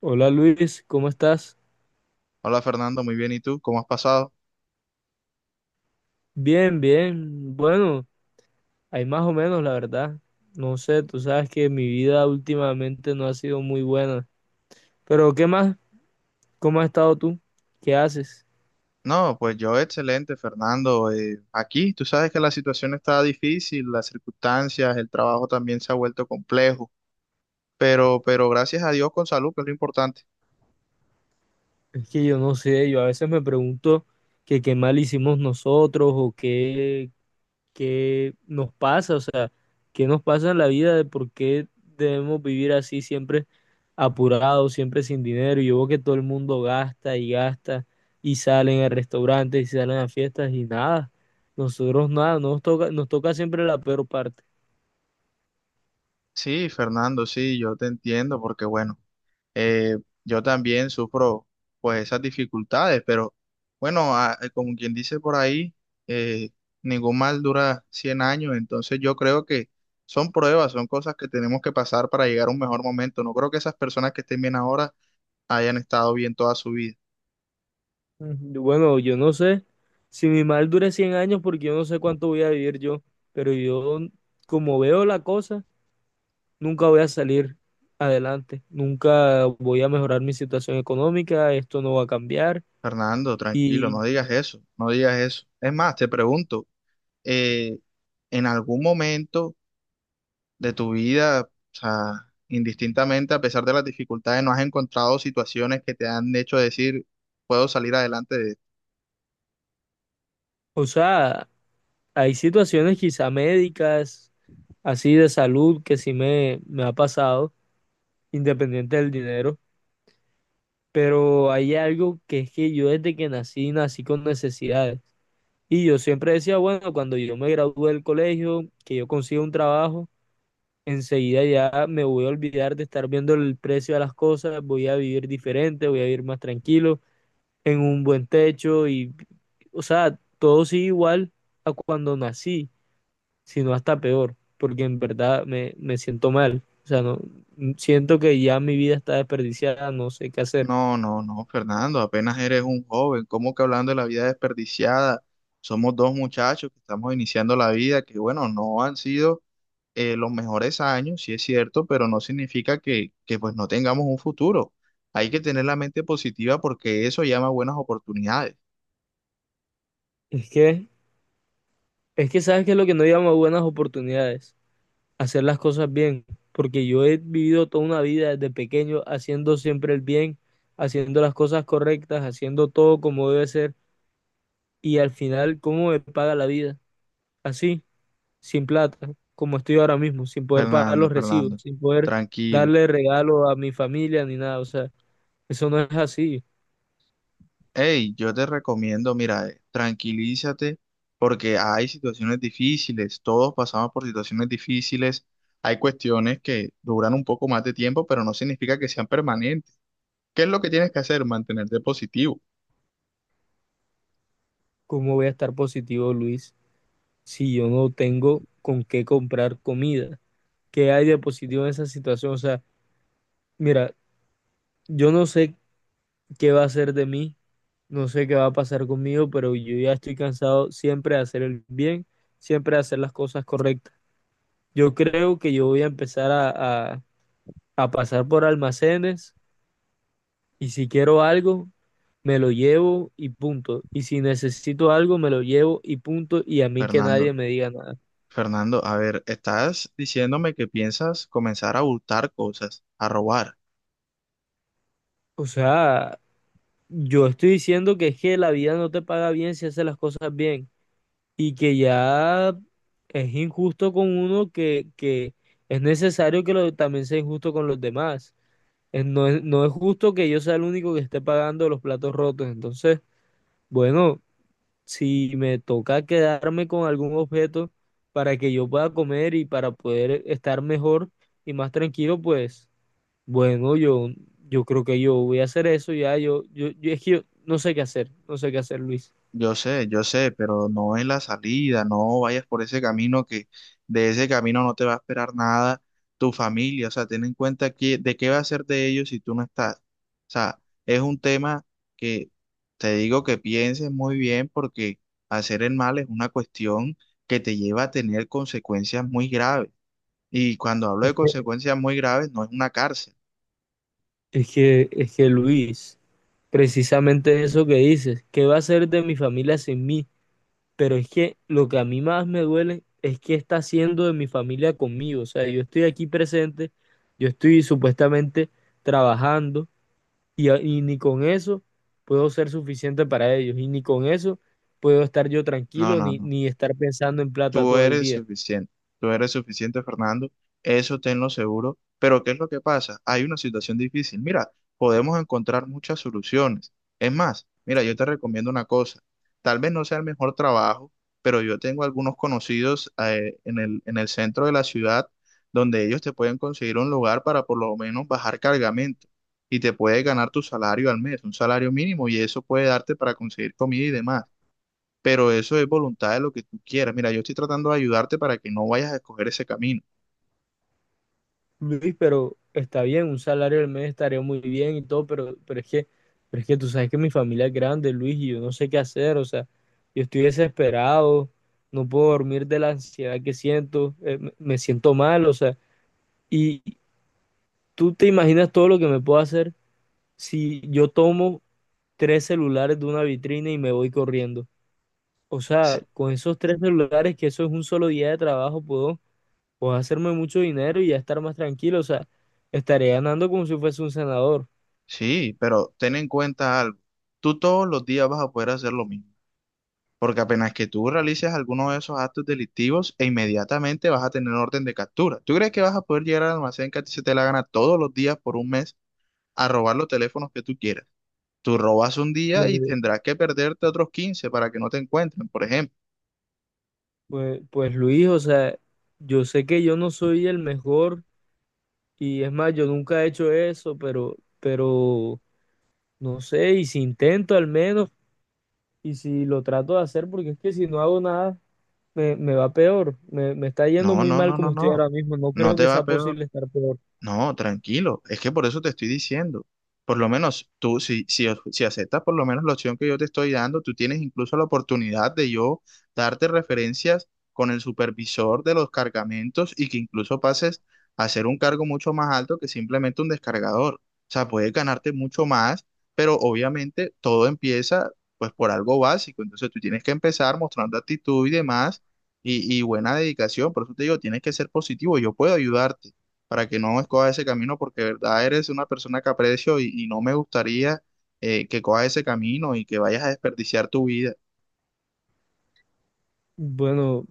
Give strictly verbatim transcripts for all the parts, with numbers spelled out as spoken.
Hola Luis, ¿cómo estás? Hola Fernando, muy bien. ¿Y tú? ¿Cómo has pasado? Bien, bien. Bueno, hay más o menos, la verdad. No sé, tú sabes que mi vida últimamente no ha sido muy buena. Pero ¿qué más? ¿Cómo has estado tú? ¿Qué haces? No, pues yo excelente, Fernando. Eh, aquí tú sabes que la situación está difícil, las circunstancias, el trabajo también se ha vuelto complejo, pero, pero gracias a Dios con salud, que es lo importante. Es que yo no sé, yo a veces me pregunto que qué mal hicimos nosotros o qué, qué nos pasa, o sea, qué nos pasa en la vida de por qué debemos vivir así siempre apurado, siempre sin dinero. Y yo veo que todo el mundo gasta y gasta y salen a restaurantes y salen a fiestas y nada. Nosotros nada, nos toca, nos toca siempre la peor parte. Sí, Fernando, sí, yo te entiendo, porque bueno. eh, yo también sufro pues esas dificultades, pero bueno, a- como quien dice por ahí, eh, ningún mal dura cien años. Entonces yo creo que son pruebas, son cosas que tenemos que pasar para llegar a un mejor momento. No creo que esas personas que estén bien ahora hayan estado bien toda su vida. Ujú. Bueno, yo no sé si mi mal dure cien años porque yo no sé cuánto voy a vivir yo, pero yo, como veo la cosa, nunca voy a salir adelante, nunca voy a mejorar mi situación económica, esto no va a cambiar Fernando, tranquilo, no y, digas eso, no digas eso. Es más, te pregunto, eh, ¿en algún momento de tu vida, o sea, indistintamente, a pesar de las dificultades, no has encontrado situaciones que te han hecho decir, puedo salir adelante de esto? o sea, hay situaciones quizá médicas así de salud que sí me, me ha pasado, independiente del dinero, pero hay algo que es que yo desde que nací, nací con necesidades. Y yo siempre decía, bueno, cuando yo me gradúe del colegio, que yo consiga un trabajo, enseguida ya me voy a olvidar de estar viendo el precio de las cosas, voy a vivir diferente, voy a vivir más tranquilo, en un buen techo y, o sea, todo sigue igual a cuando nací, sino hasta peor, porque en verdad me, me siento mal. O sea, no, siento que ya mi vida está desperdiciada, no sé qué hacer. No, no, no, Fernando, apenas eres un joven, ¿cómo que hablando de la vida desperdiciada? Somos dos muchachos que estamos iniciando la vida, que bueno, no han sido eh, los mejores años, sí es cierto, pero no significa que, que pues no tengamos un futuro. Hay que tener la mente positiva porque eso llama buenas oportunidades. Es que, es que sabes que es lo que no llama buenas oportunidades: hacer las cosas bien, porque yo he vivido toda una vida desde pequeño haciendo siempre el bien, haciendo las cosas correctas, haciendo todo como debe ser, y al final, ¿cómo me paga la vida? Así, sin plata, como estoy ahora mismo, sin poder pagar Fernando, los recibos, Fernando, sin poder tranquilo. darle regalo a mi familia ni nada, o sea. Eso no es así. Hey, yo te recomiendo, mira, eh, tranquilízate porque hay situaciones difíciles, todos pasamos por situaciones difíciles, hay cuestiones que duran un poco más de tiempo, pero no significa que sean permanentes. ¿Qué es lo que tienes que hacer? Mantenerte positivo, ¿Cómo voy a estar positivo, Luis, si yo no tengo con qué comprar comida? ¿Qué hay de positivo en esa situación? O sea, mira, yo no sé qué va a hacer de mí, no sé qué va a pasar conmigo, pero yo ya estoy cansado siempre de hacer el bien, siempre de hacer las cosas correctas. Yo creo que yo voy a empezar a, a a pasar por almacenes y si quiero algo, me lo llevo y punto. Y si necesito algo, me lo llevo y punto. Y a mí que Fernando. nadie me diga nada. Fernando, a ver, estás diciéndome que piensas comenzar a hurtar cosas, a robar. O sea, yo estoy diciendo que es que la vida no te paga bien si haces las cosas bien y que ya es injusto con uno que, que es necesario que lo- también sea injusto con los demás. Es- no es, no es justo que yo sea el único que esté pagando los platos rotos. Entonces, bueno, si me toca quedarme con algún objeto para que yo pueda comer y para poder estar mejor y más tranquilo, pues... Bueno, yo, yo creo que yo voy a hacer eso ya. Yo, yo, yo- es que yo no sé qué hacer, no sé qué hacer, Luis. Yo sé, yo sé, pero no es la salida, no vayas por ese camino, que de ese camino no te va a esperar nada tu familia. O sea, ten en cuenta que, de qué va a ser de ellos si tú no estás. O sea, es un tema que te digo que pienses muy bien, porque hacer el mal es una cuestión que te lleva a tener consecuencias muy graves. Y cuando hablo de Es que, consecuencias muy graves, no es una cárcel. es que, es que Luis, precisamente eso que dices, ¿qué va a ser de mi familia sin mí? Pero es que lo que a mí más me duele es que está haciendo de mi familia conmigo. O sea, yo estoy aquí presente, yo estoy supuestamente trabajando y, a- y ni con eso puedo ser suficiente para ellos. Y ni con eso puedo estar yo No, tranquilo no, ni, no. ni estar pensando en plata Tú todo el eres día. suficiente, tú eres suficiente, Fernando, eso tenlo seguro, pero ¿qué es lo que pasa? Hay una situación difícil. Mira, podemos encontrar muchas soluciones. Es más, mira, yo te recomiendo una cosa, tal vez no sea el mejor trabajo, pero yo tengo algunos conocidos eh, en el, en el centro de la ciudad, donde ellos te pueden conseguir un lugar para por lo menos bajar cargamento, y te puedes ganar tu salario al mes, un salario mínimo, y eso puede darte para conseguir comida y demás, pero eso es voluntad de lo que tú quieras. Mira, yo estoy tratando de ayudarte para que no vayas a escoger ese camino. Luis, pero está bien, un salario al mes estaría muy bien y todo, pero, pero es que, pero es que tú sabes que mi familia es grande, Luis, y yo no sé qué hacer, o sea, yo estoy desesperado, no puedo dormir de la ansiedad que siento. eh, me, me siento mal, o sea, y tú te imaginas todo lo que me puedo hacer si yo tomo tres celulares de una vitrina y me voy corriendo. O Sí, sea, con esos tres celulares, que eso es un solo día de trabajo, puedo puedo hacerme mucho dinero y ya estar más tranquilo, o sea, estaré ganando como si fuese un senador. sí, pero ten en cuenta algo. Tú todos los días vas a poder hacer lo mismo, porque apenas que tú realices alguno de esos actos delictivos, e inmediatamente vas a tener orden de captura. ¿Tú crees que vas a poder llegar al almacén que a ti se te la gana todos los días por un mes a robar los teléfonos que tú quieras? Tú robas un día y Pues, tendrás que perderte otros quince para que no te encuentren, por ejemplo. pues, pues, Luis, o sea, yo sé que yo no soy el mejor y es más, yo nunca he hecho eso, pero, pero, no sé, y si intento al menos, y si lo trato de hacer, porque es que si no hago nada, me, me va peor, me, me está yendo No, muy no, mal no, no, como estoy no. ahora mismo, no No creo te que sea va peor. posible estar peor. No, tranquilo, es que por eso te estoy diciendo. Por lo menos tú, si, si, si aceptas por lo menos la opción que yo te estoy dando, tú tienes incluso la oportunidad de yo darte referencias con el supervisor de los cargamentos y que incluso pases a ser un cargo mucho más alto que simplemente un descargador. O sea, puedes ganarte mucho más, pero obviamente todo empieza pues por algo básico. Entonces tú tienes que empezar mostrando actitud y demás y, y buena dedicación. Por eso te digo, tienes que ser positivo, yo puedo ayudarte para que no escoja ese camino, porque de verdad eres una persona que aprecio y, y no me gustaría eh, que cojas ese camino y que vayas a desperdiciar tu vida. Bueno,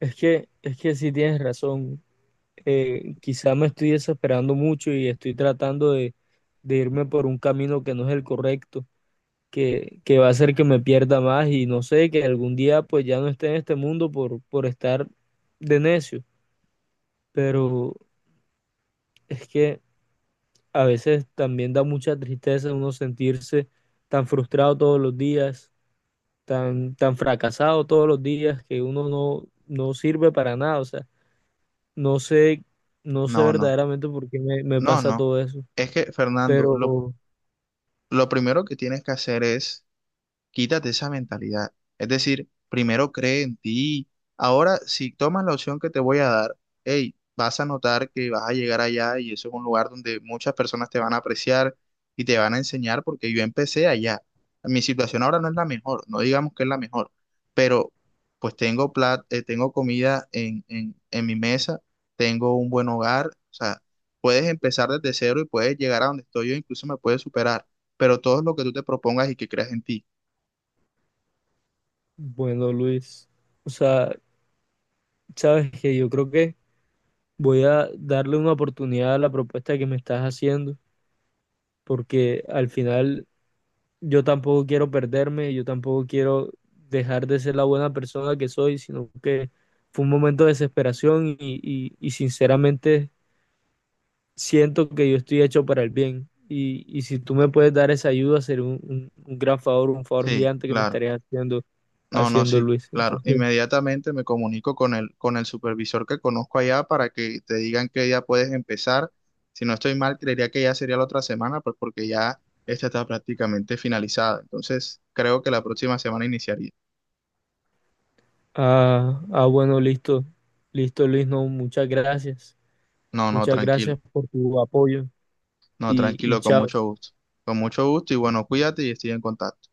es que, es que sí tienes razón. Eh, quizá me estoy desesperando mucho y estoy tratando de, de irme por un camino que no es el correcto, que, que va a hacer que me pierda más y no sé, que algún día pues ya no esté en este mundo por, por estar de necio. Pero es que a veces también da mucha tristeza uno sentirse tan frustrado todos los días, tan, tan fracasado todos los días, que uno no, no sirve para nada. O sea, no sé, no sé No, no, verdaderamente por qué me me no, pasa no. todo eso, Es que, Fernando, lo, pero lo primero que tienes que hacer es quítate esa mentalidad. Es decir, primero cree en ti. Ahora, si tomas la opción que te voy a dar, hey, vas a notar que vas a llegar allá, y eso es un lugar donde muchas personas te van a apreciar y te van a enseñar porque yo empecé allá. Mi situación ahora no es la mejor, no digamos que es la mejor, pero pues tengo plat- eh, tengo comida en, en, en mi mesa, tengo un buen hogar. O sea, puedes empezar desde cero y puedes llegar a donde estoy yo, incluso me puedes superar, pero todo es lo que tú te propongas y que creas en ti. bueno, Luis, o sea, sabes que yo creo que voy a darle una oportunidad a la propuesta que me estás haciendo, porque al final yo tampoco quiero perderme, yo tampoco quiero dejar de ser la buena persona que soy, sino que fue un momento de desesperación y, y- y sinceramente siento que yo estoy hecho para el bien. Y, y si tú me puedes dar esa ayuda, sería un, un un gran favor, un favor Sí, gigante que me claro. estarías haciendo, No, no, haciendo sí, Luis. claro. Entonces. Inmediatamente me comunico con el, con el supervisor que conozco allá, para que te digan que ya puedes empezar. Si no estoy mal, creería que ya sería la otra semana, pues porque ya esta está prácticamente finalizada. Entonces, creo que la próxima semana iniciaría. Ah, ah, bueno, listo. Listo, Luis, no, muchas gracias. No, no, Muchas tranquilo. gracias por tu apoyo No, y, y tranquilo, con chao. mucho gusto. Con mucho gusto y bueno, cuídate y estoy en contacto.